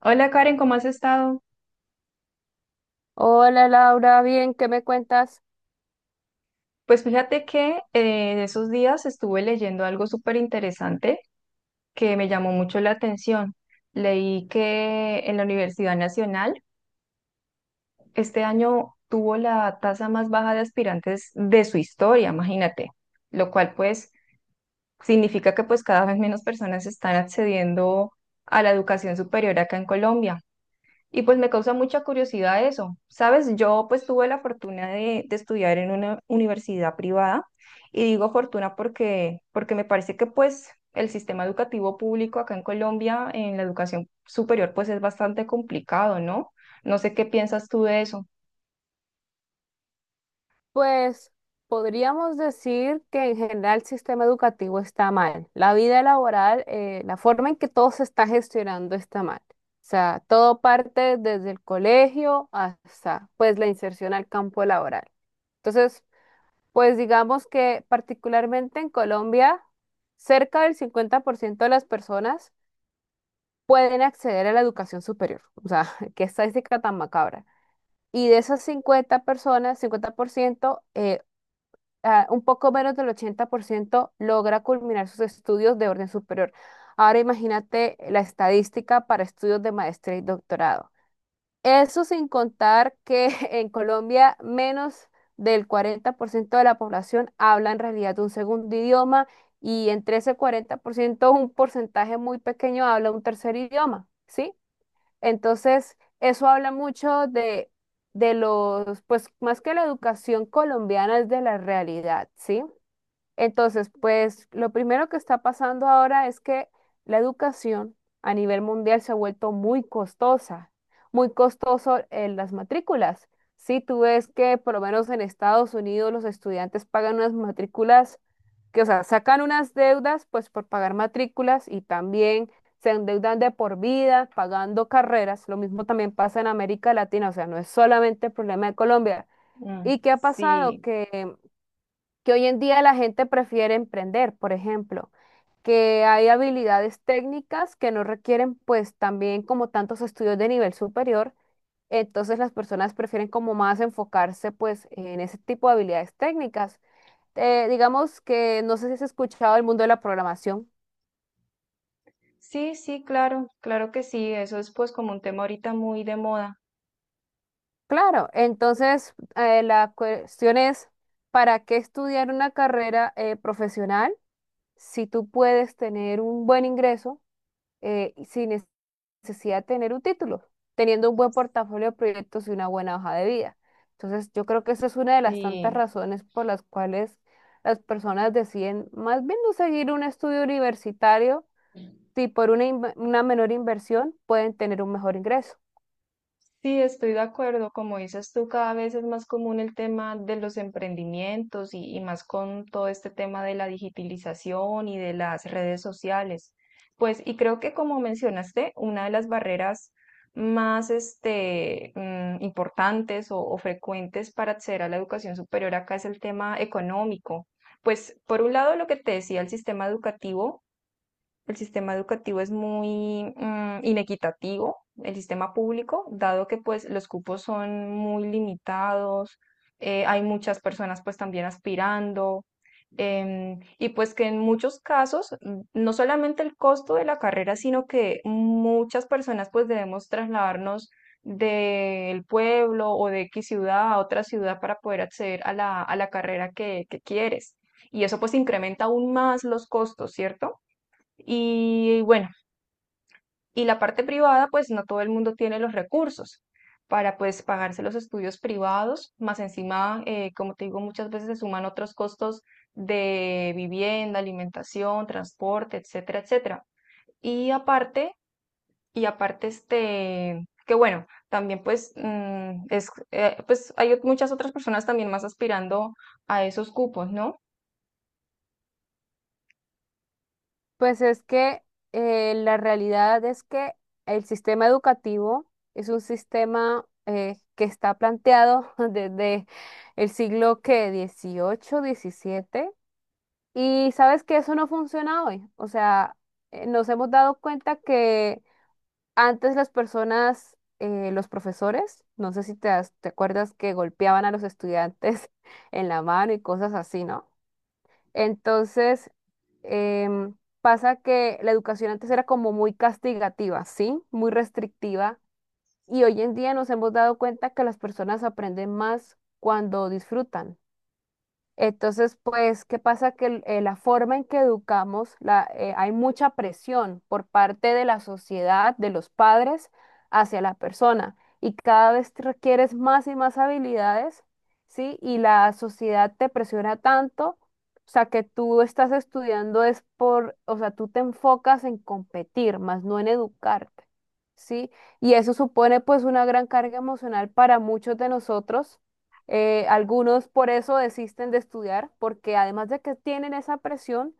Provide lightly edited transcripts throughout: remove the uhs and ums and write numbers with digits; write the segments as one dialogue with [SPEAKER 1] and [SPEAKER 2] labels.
[SPEAKER 1] Hola Karen, ¿cómo has estado?
[SPEAKER 2] Hola Laura, bien, ¿qué me cuentas?
[SPEAKER 1] Pues fíjate que en esos días estuve leyendo algo súper interesante que me llamó mucho la atención. Leí que en la Universidad Nacional este año tuvo la tasa más baja de aspirantes de su historia, imagínate, lo cual pues significa que pues cada vez menos personas están accediendo a la educación superior acá en Colombia. Y pues me causa mucha curiosidad eso. Sabes, yo pues tuve la fortuna de estudiar en una universidad privada y digo fortuna porque me parece que pues el sistema educativo público acá en Colombia en la educación superior pues es bastante complicado, ¿no? No sé qué piensas tú de eso.
[SPEAKER 2] Pues podríamos decir que en general el sistema educativo está mal. La vida laboral, la forma en que todo se está gestionando está mal. O sea, todo parte desde el colegio hasta pues la inserción al campo laboral. Entonces, pues digamos que particularmente en Colombia, cerca del 50% de las personas pueden acceder a la educación superior. O sea, qué estadística tan macabra. Y de esas 50 personas, 50%, un poco menos del 80% logra culminar sus estudios de orden superior. Ahora imagínate la estadística para estudios de maestría y doctorado. Eso sin contar que en Colombia menos del 40% de la población habla en realidad un segundo idioma y entre ese 40% un porcentaje muy pequeño habla un tercer idioma, ¿sí? Entonces, eso habla mucho de los, pues más que la educación colombiana es de la realidad, ¿sí? Entonces, pues lo primero que está pasando ahora es que la educación a nivel mundial se ha vuelto muy costosa, muy costoso en las matrículas. Si tú ves que por lo menos en Estados Unidos los estudiantes pagan unas matrículas que, o sea, sacan unas deudas pues por pagar matrículas y también se endeudan de por vida pagando carreras. Lo mismo también pasa en América Latina, o sea, no es solamente el problema de Colombia.
[SPEAKER 1] Mm,
[SPEAKER 2] ¿Y qué ha pasado?
[SPEAKER 1] sí,
[SPEAKER 2] Que hoy en día la gente prefiere emprender, por ejemplo, que hay habilidades técnicas que no requieren pues también como tantos estudios de nivel superior, entonces las personas prefieren como más enfocarse pues en ese tipo de habilidades técnicas. Digamos que no sé si has escuchado el mundo de la programación.
[SPEAKER 1] sí, sí, claro, claro que sí. Eso es pues como un tema ahorita muy de moda.
[SPEAKER 2] Claro, entonces la cuestión es, ¿para qué estudiar una carrera profesional si tú puedes tener un buen ingreso? Sin necesidad de tener un título, teniendo un buen portafolio de proyectos y una buena hoja de vida. Entonces, yo creo que esa es una de las tantas
[SPEAKER 1] Y
[SPEAKER 2] razones por las cuales las personas deciden más bien no seguir un estudio universitario, si por una menor inversión pueden tener un mejor ingreso.
[SPEAKER 1] sí, estoy de acuerdo. Como dices tú, cada vez es más común el tema de los emprendimientos y más con todo este tema de la digitalización y de las redes sociales. Pues, y creo que como mencionaste, una de las barreras más este, importantes o frecuentes para acceder a la educación superior acá es el tema económico. Pues, por un lado, lo que te decía, el sistema educativo. El sistema educativo es muy inequitativo, el sistema público, dado que pues los cupos son muy limitados, hay muchas personas pues también aspirando, y pues que en muchos casos, no solamente el costo de la carrera, sino que muchas personas pues debemos trasladarnos del pueblo o de X ciudad a otra ciudad para poder acceder a la carrera que quieres. Y eso pues incrementa aún más los costos, ¿cierto? Y bueno, y la parte privada, pues no todo el mundo tiene los recursos para pues pagarse los estudios privados, más encima, como te digo, muchas veces se suman otros costos de vivienda, alimentación, transporte, etcétera, etcétera. Y aparte, y aparte este, que bueno, también pues pues hay muchas otras personas también más aspirando a esos cupos, ¿no?
[SPEAKER 2] Pues es que la realidad es que el sistema educativo es un sistema que está planteado desde el siglo que 18, 17. Y sabes que eso no funciona hoy. O sea, nos hemos dado cuenta que antes las personas, los profesores, no sé si te acuerdas que golpeaban a los estudiantes en la mano y cosas así, ¿no? Entonces, em, pasa que la educación antes era como muy castigativa, ¿sí? Muy restrictiva. Y hoy en día nos hemos dado cuenta que las personas aprenden más cuando disfrutan. Entonces, pues, ¿qué pasa? Que la forma en que educamos, hay mucha presión por parte de la sociedad, de los padres, hacia la persona. Y cada vez te requieres más y más habilidades, ¿sí? Y la sociedad te presiona tanto, o sea, que tú estás estudiando es por, o sea, tú te enfocas en competir, más no en educarte, ¿sí? Y eso supone pues una gran carga emocional para muchos de nosotros, algunos por eso desisten de estudiar, porque además de que tienen esa presión,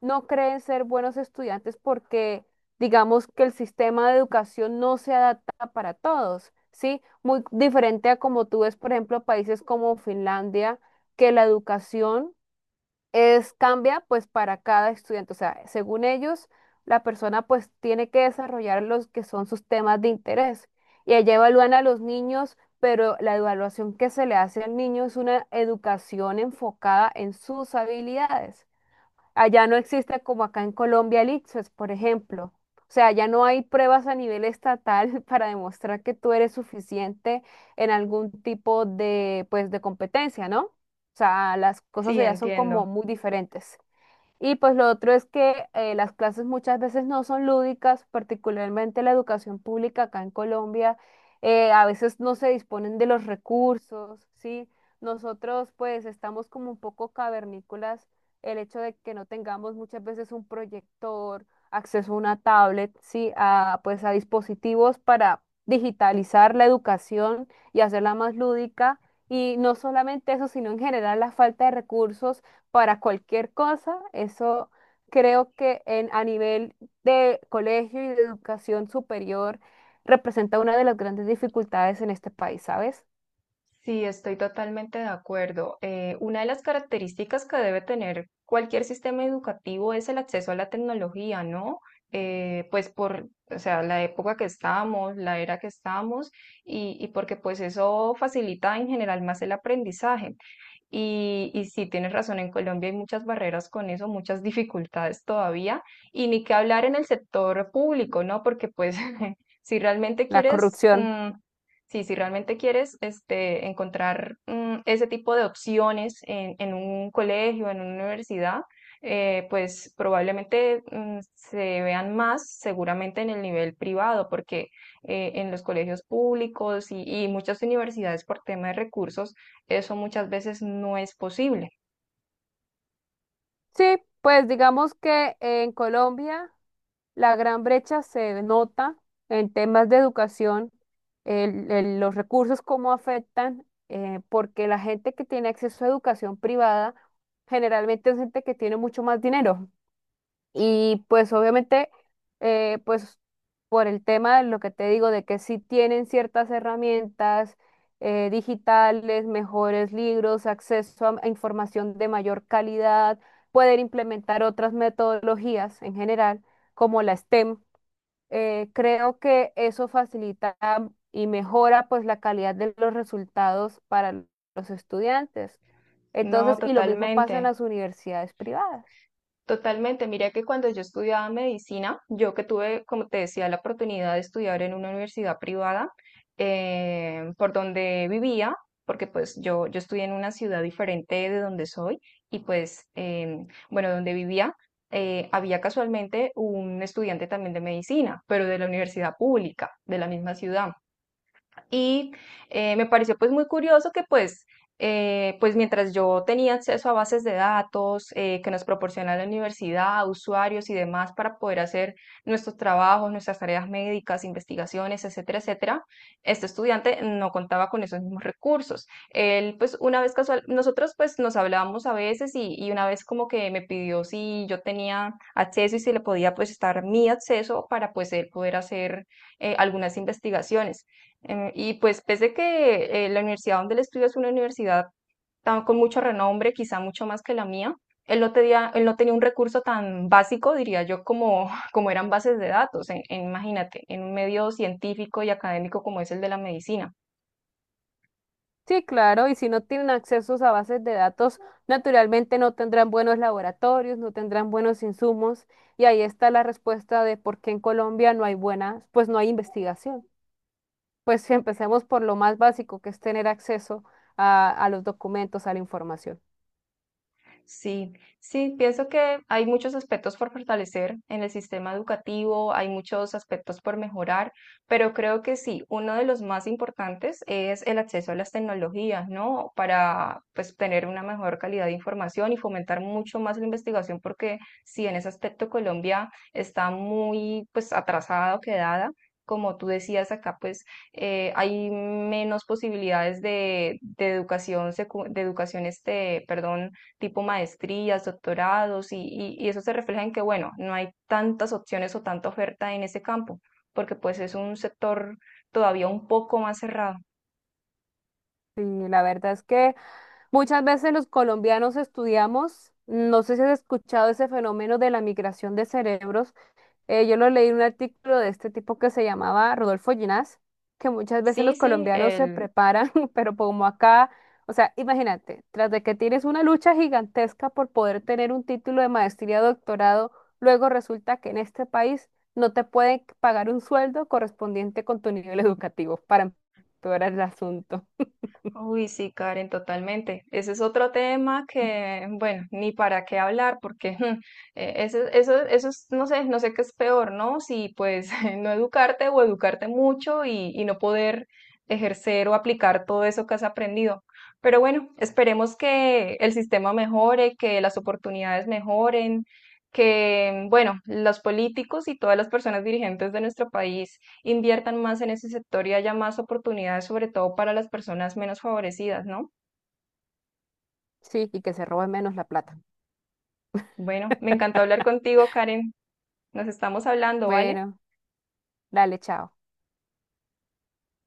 [SPEAKER 2] no creen ser buenos estudiantes porque digamos que el sistema de educación no se adapta para todos, ¿sí? Muy diferente a como tú ves, por ejemplo, países como Finlandia, que la educación es cambia pues para cada estudiante. O sea, según ellos, la persona pues tiene que desarrollar los que son sus temas de interés. Y allá evalúan a los niños, pero la evaluación que se le hace al niño es una educación enfocada en sus habilidades. Allá no existe como acá en Colombia el ICFES, por ejemplo. O sea, ya no hay pruebas a nivel estatal para demostrar que tú eres suficiente en algún tipo de, pues, de competencia, ¿no? O sea, las cosas
[SPEAKER 1] Sí,
[SPEAKER 2] allá son como
[SPEAKER 1] entiendo.
[SPEAKER 2] muy diferentes. Y pues lo otro es que las clases muchas veces no son lúdicas, particularmente la educación pública acá en Colombia, a veces no se disponen de los recursos, ¿sí? Nosotros pues estamos como un poco cavernícolas, el hecho de que no tengamos muchas veces un proyector, acceso a una tablet, ¿sí? A, pues a dispositivos para digitalizar la educación y hacerla más lúdica. Y no solamente eso, sino en general la falta de recursos para cualquier cosa. Eso creo que en, a nivel de colegio y de educación superior representa una de las grandes dificultades en este país, ¿sabes?
[SPEAKER 1] Sí, estoy totalmente de acuerdo. Una de las características que debe tener cualquier sistema educativo es el acceso a la tecnología, ¿no? Pues por, o sea, la época que estamos, la era que estamos, y porque pues eso facilita en general más el aprendizaje. Y sí, tienes razón, en Colombia hay muchas barreras con eso, muchas dificultades todavía, y ni que hablar en el sector público, ¿no? Porque pues si realmente
[SPEAKER 2] La
[SPEAKER 1] quieres,
[SPEAKER 2] corrupción.
[SPEAKER 1] mm, sí, si realmente quieres este, encontrar ese tipo de opciones en un colegio, en una universidad, pues probablemente se vean más seguramente en el nivel privado, porque en los colegios públicos y muchas universidades por tema de recursos, eso muchas veces no es posible.
[SPEAKER 2] Sí, pues digamos que en Colombia la gran brecha se nota en temas de educación, los recursos cómo afectan, porque la gente que tiene acceso a educación privada generalmente es gente que tiene mucho más dinero. Y pues obviamente, pues por el tema de lo que te digo, de que sí tienen ciertas herramientas digitales, mejores libros, acceso a información de mayor calidad, pueden implementar otras metodologías en general, como la STEM. Creo que eso facilita y mejora pues la calidad de los resultados para los estudiantes.
[SPEAKER 1] No,
[SPEAKER 2] Entonces, y lo mismo pasa en
[SPEAKER 1] totalmente,
[SPEAKER 2] las universidades privadas.
[SPEAKER 1] totalmente. Mira que cuando yo estudiaba medicina, yo que tuve, como te decía, la oportunidad de estudiar en una universidad privada, por donde vivía, porque pues yo estudié en una ciudad diferente de donde soy y pues, bueno, donde vivía, había casualmente un estudiante también de medicina, pero de la universidad pública, de la misma ciudad. Y me pareció pues muy curioso que pues, pues mientras yo tenía acceso a bases de datos que nos proporciona la universidad, usuarios y demás para poder hacer nuestros trabajos, nuestras tareas médicas, investigaciones, etcétera, etcétera, este estudiante no contaba con esos mismos recursos. Él pues una vez casual, nosotros pues nos hablábamos a veces y una vez como que me pidió si yo tenía acceso y si le podía pues estar mi acceso para pues él poder hacer algunas investigaciones. Y pues pese que la universidad donde él estudia es una universidad tan, con mucho renombre, quizá mucho más que la mía, él no tenía un recurso tan básico, diría yo, como, como eran bases de datos, imagínate, en un medio científico y académico como es el de la medicina.
[SPEAKER 2] Sí, claro, y si no tienen accesos a bases de datos, naturalmente no tendrán buenos laboratorios, no tendrán buenos insumos, y ahí está la respuesta de por qué en Colombia no hay buenas, pues no hay investigación. Pues si empecemos por lo más básico, que es tener acceso a los documentos, a la información.
[SPEAKER 1] Sí, sí, pienso que hay muchos aspectos por fortalecer en el sistema educativo, hay muchos aspectos por mejorar, pero creo que sí, uno de los más importantes es el acceso a las tecnologías, ¿no? Para pues tener una mejor calidad de información y fomentar mucho más la investigación, porque sí, en ese aspecto Colombia está muy pues atrasada o quedada. Como tú decías acá, pues hay menos posibilidades de educación, este, perdón tipo maestrías, doctorados, y eso se refleja en que, bueno, no hay tantas opciones o tanta oferta en ese campo, porque pues es un sector todavía un poco más cerrado.
[SPEAKER 2] Sí, la verdad es que muchas veces los colombianos estudiamos, no sé si has escuchado ese fenómeno de la migración de cerebros. Yo lo leí en un artículo de este tipo que se llamaba Rodolfo Ginás, que muchas veces
[SPEAKER 1] Sí,
[SPEAKER 2] los
[SPEAKER 1] sí,
[SPEAKER 2] colombianos se preparan, pero como acá, o sea, imagínate, tras de que tienes una lucha gigantesca por poder tener un título de maestría o doctorado, luego resulta que en este país no te pueden pagar un sueldo correspondiente con tu nivel educativo para empeorar el asunto.
[SPEAKER 1] uy, sí, Karen, totalmente. Ese es otro tema que, bueno, ni para qué hablar, porque eso es, no sé, no sé qué es peor, ¿no? Si pues no educarte o educarte mucho y no poder ejercer o aplicar todo eso que has aprendido. Pero bueno, esperemos que el sistema mejore, que las oportunidades mejoren, que, bueno, los políticos y todas las personas dirigentes de nuestro país inviertan más en ese sector y haya más oportunidades, sobre todo para las personas menos favorecidas, ¿no?
[SPEAKER 2] Sí, y que se robe menos la plata.
[SPEAKER 1] Bueno, me encantó hablar contigo, Karen. Nos estamos hablando, ¿vale?
[SPEAKER 2] Bueno, dale, chao.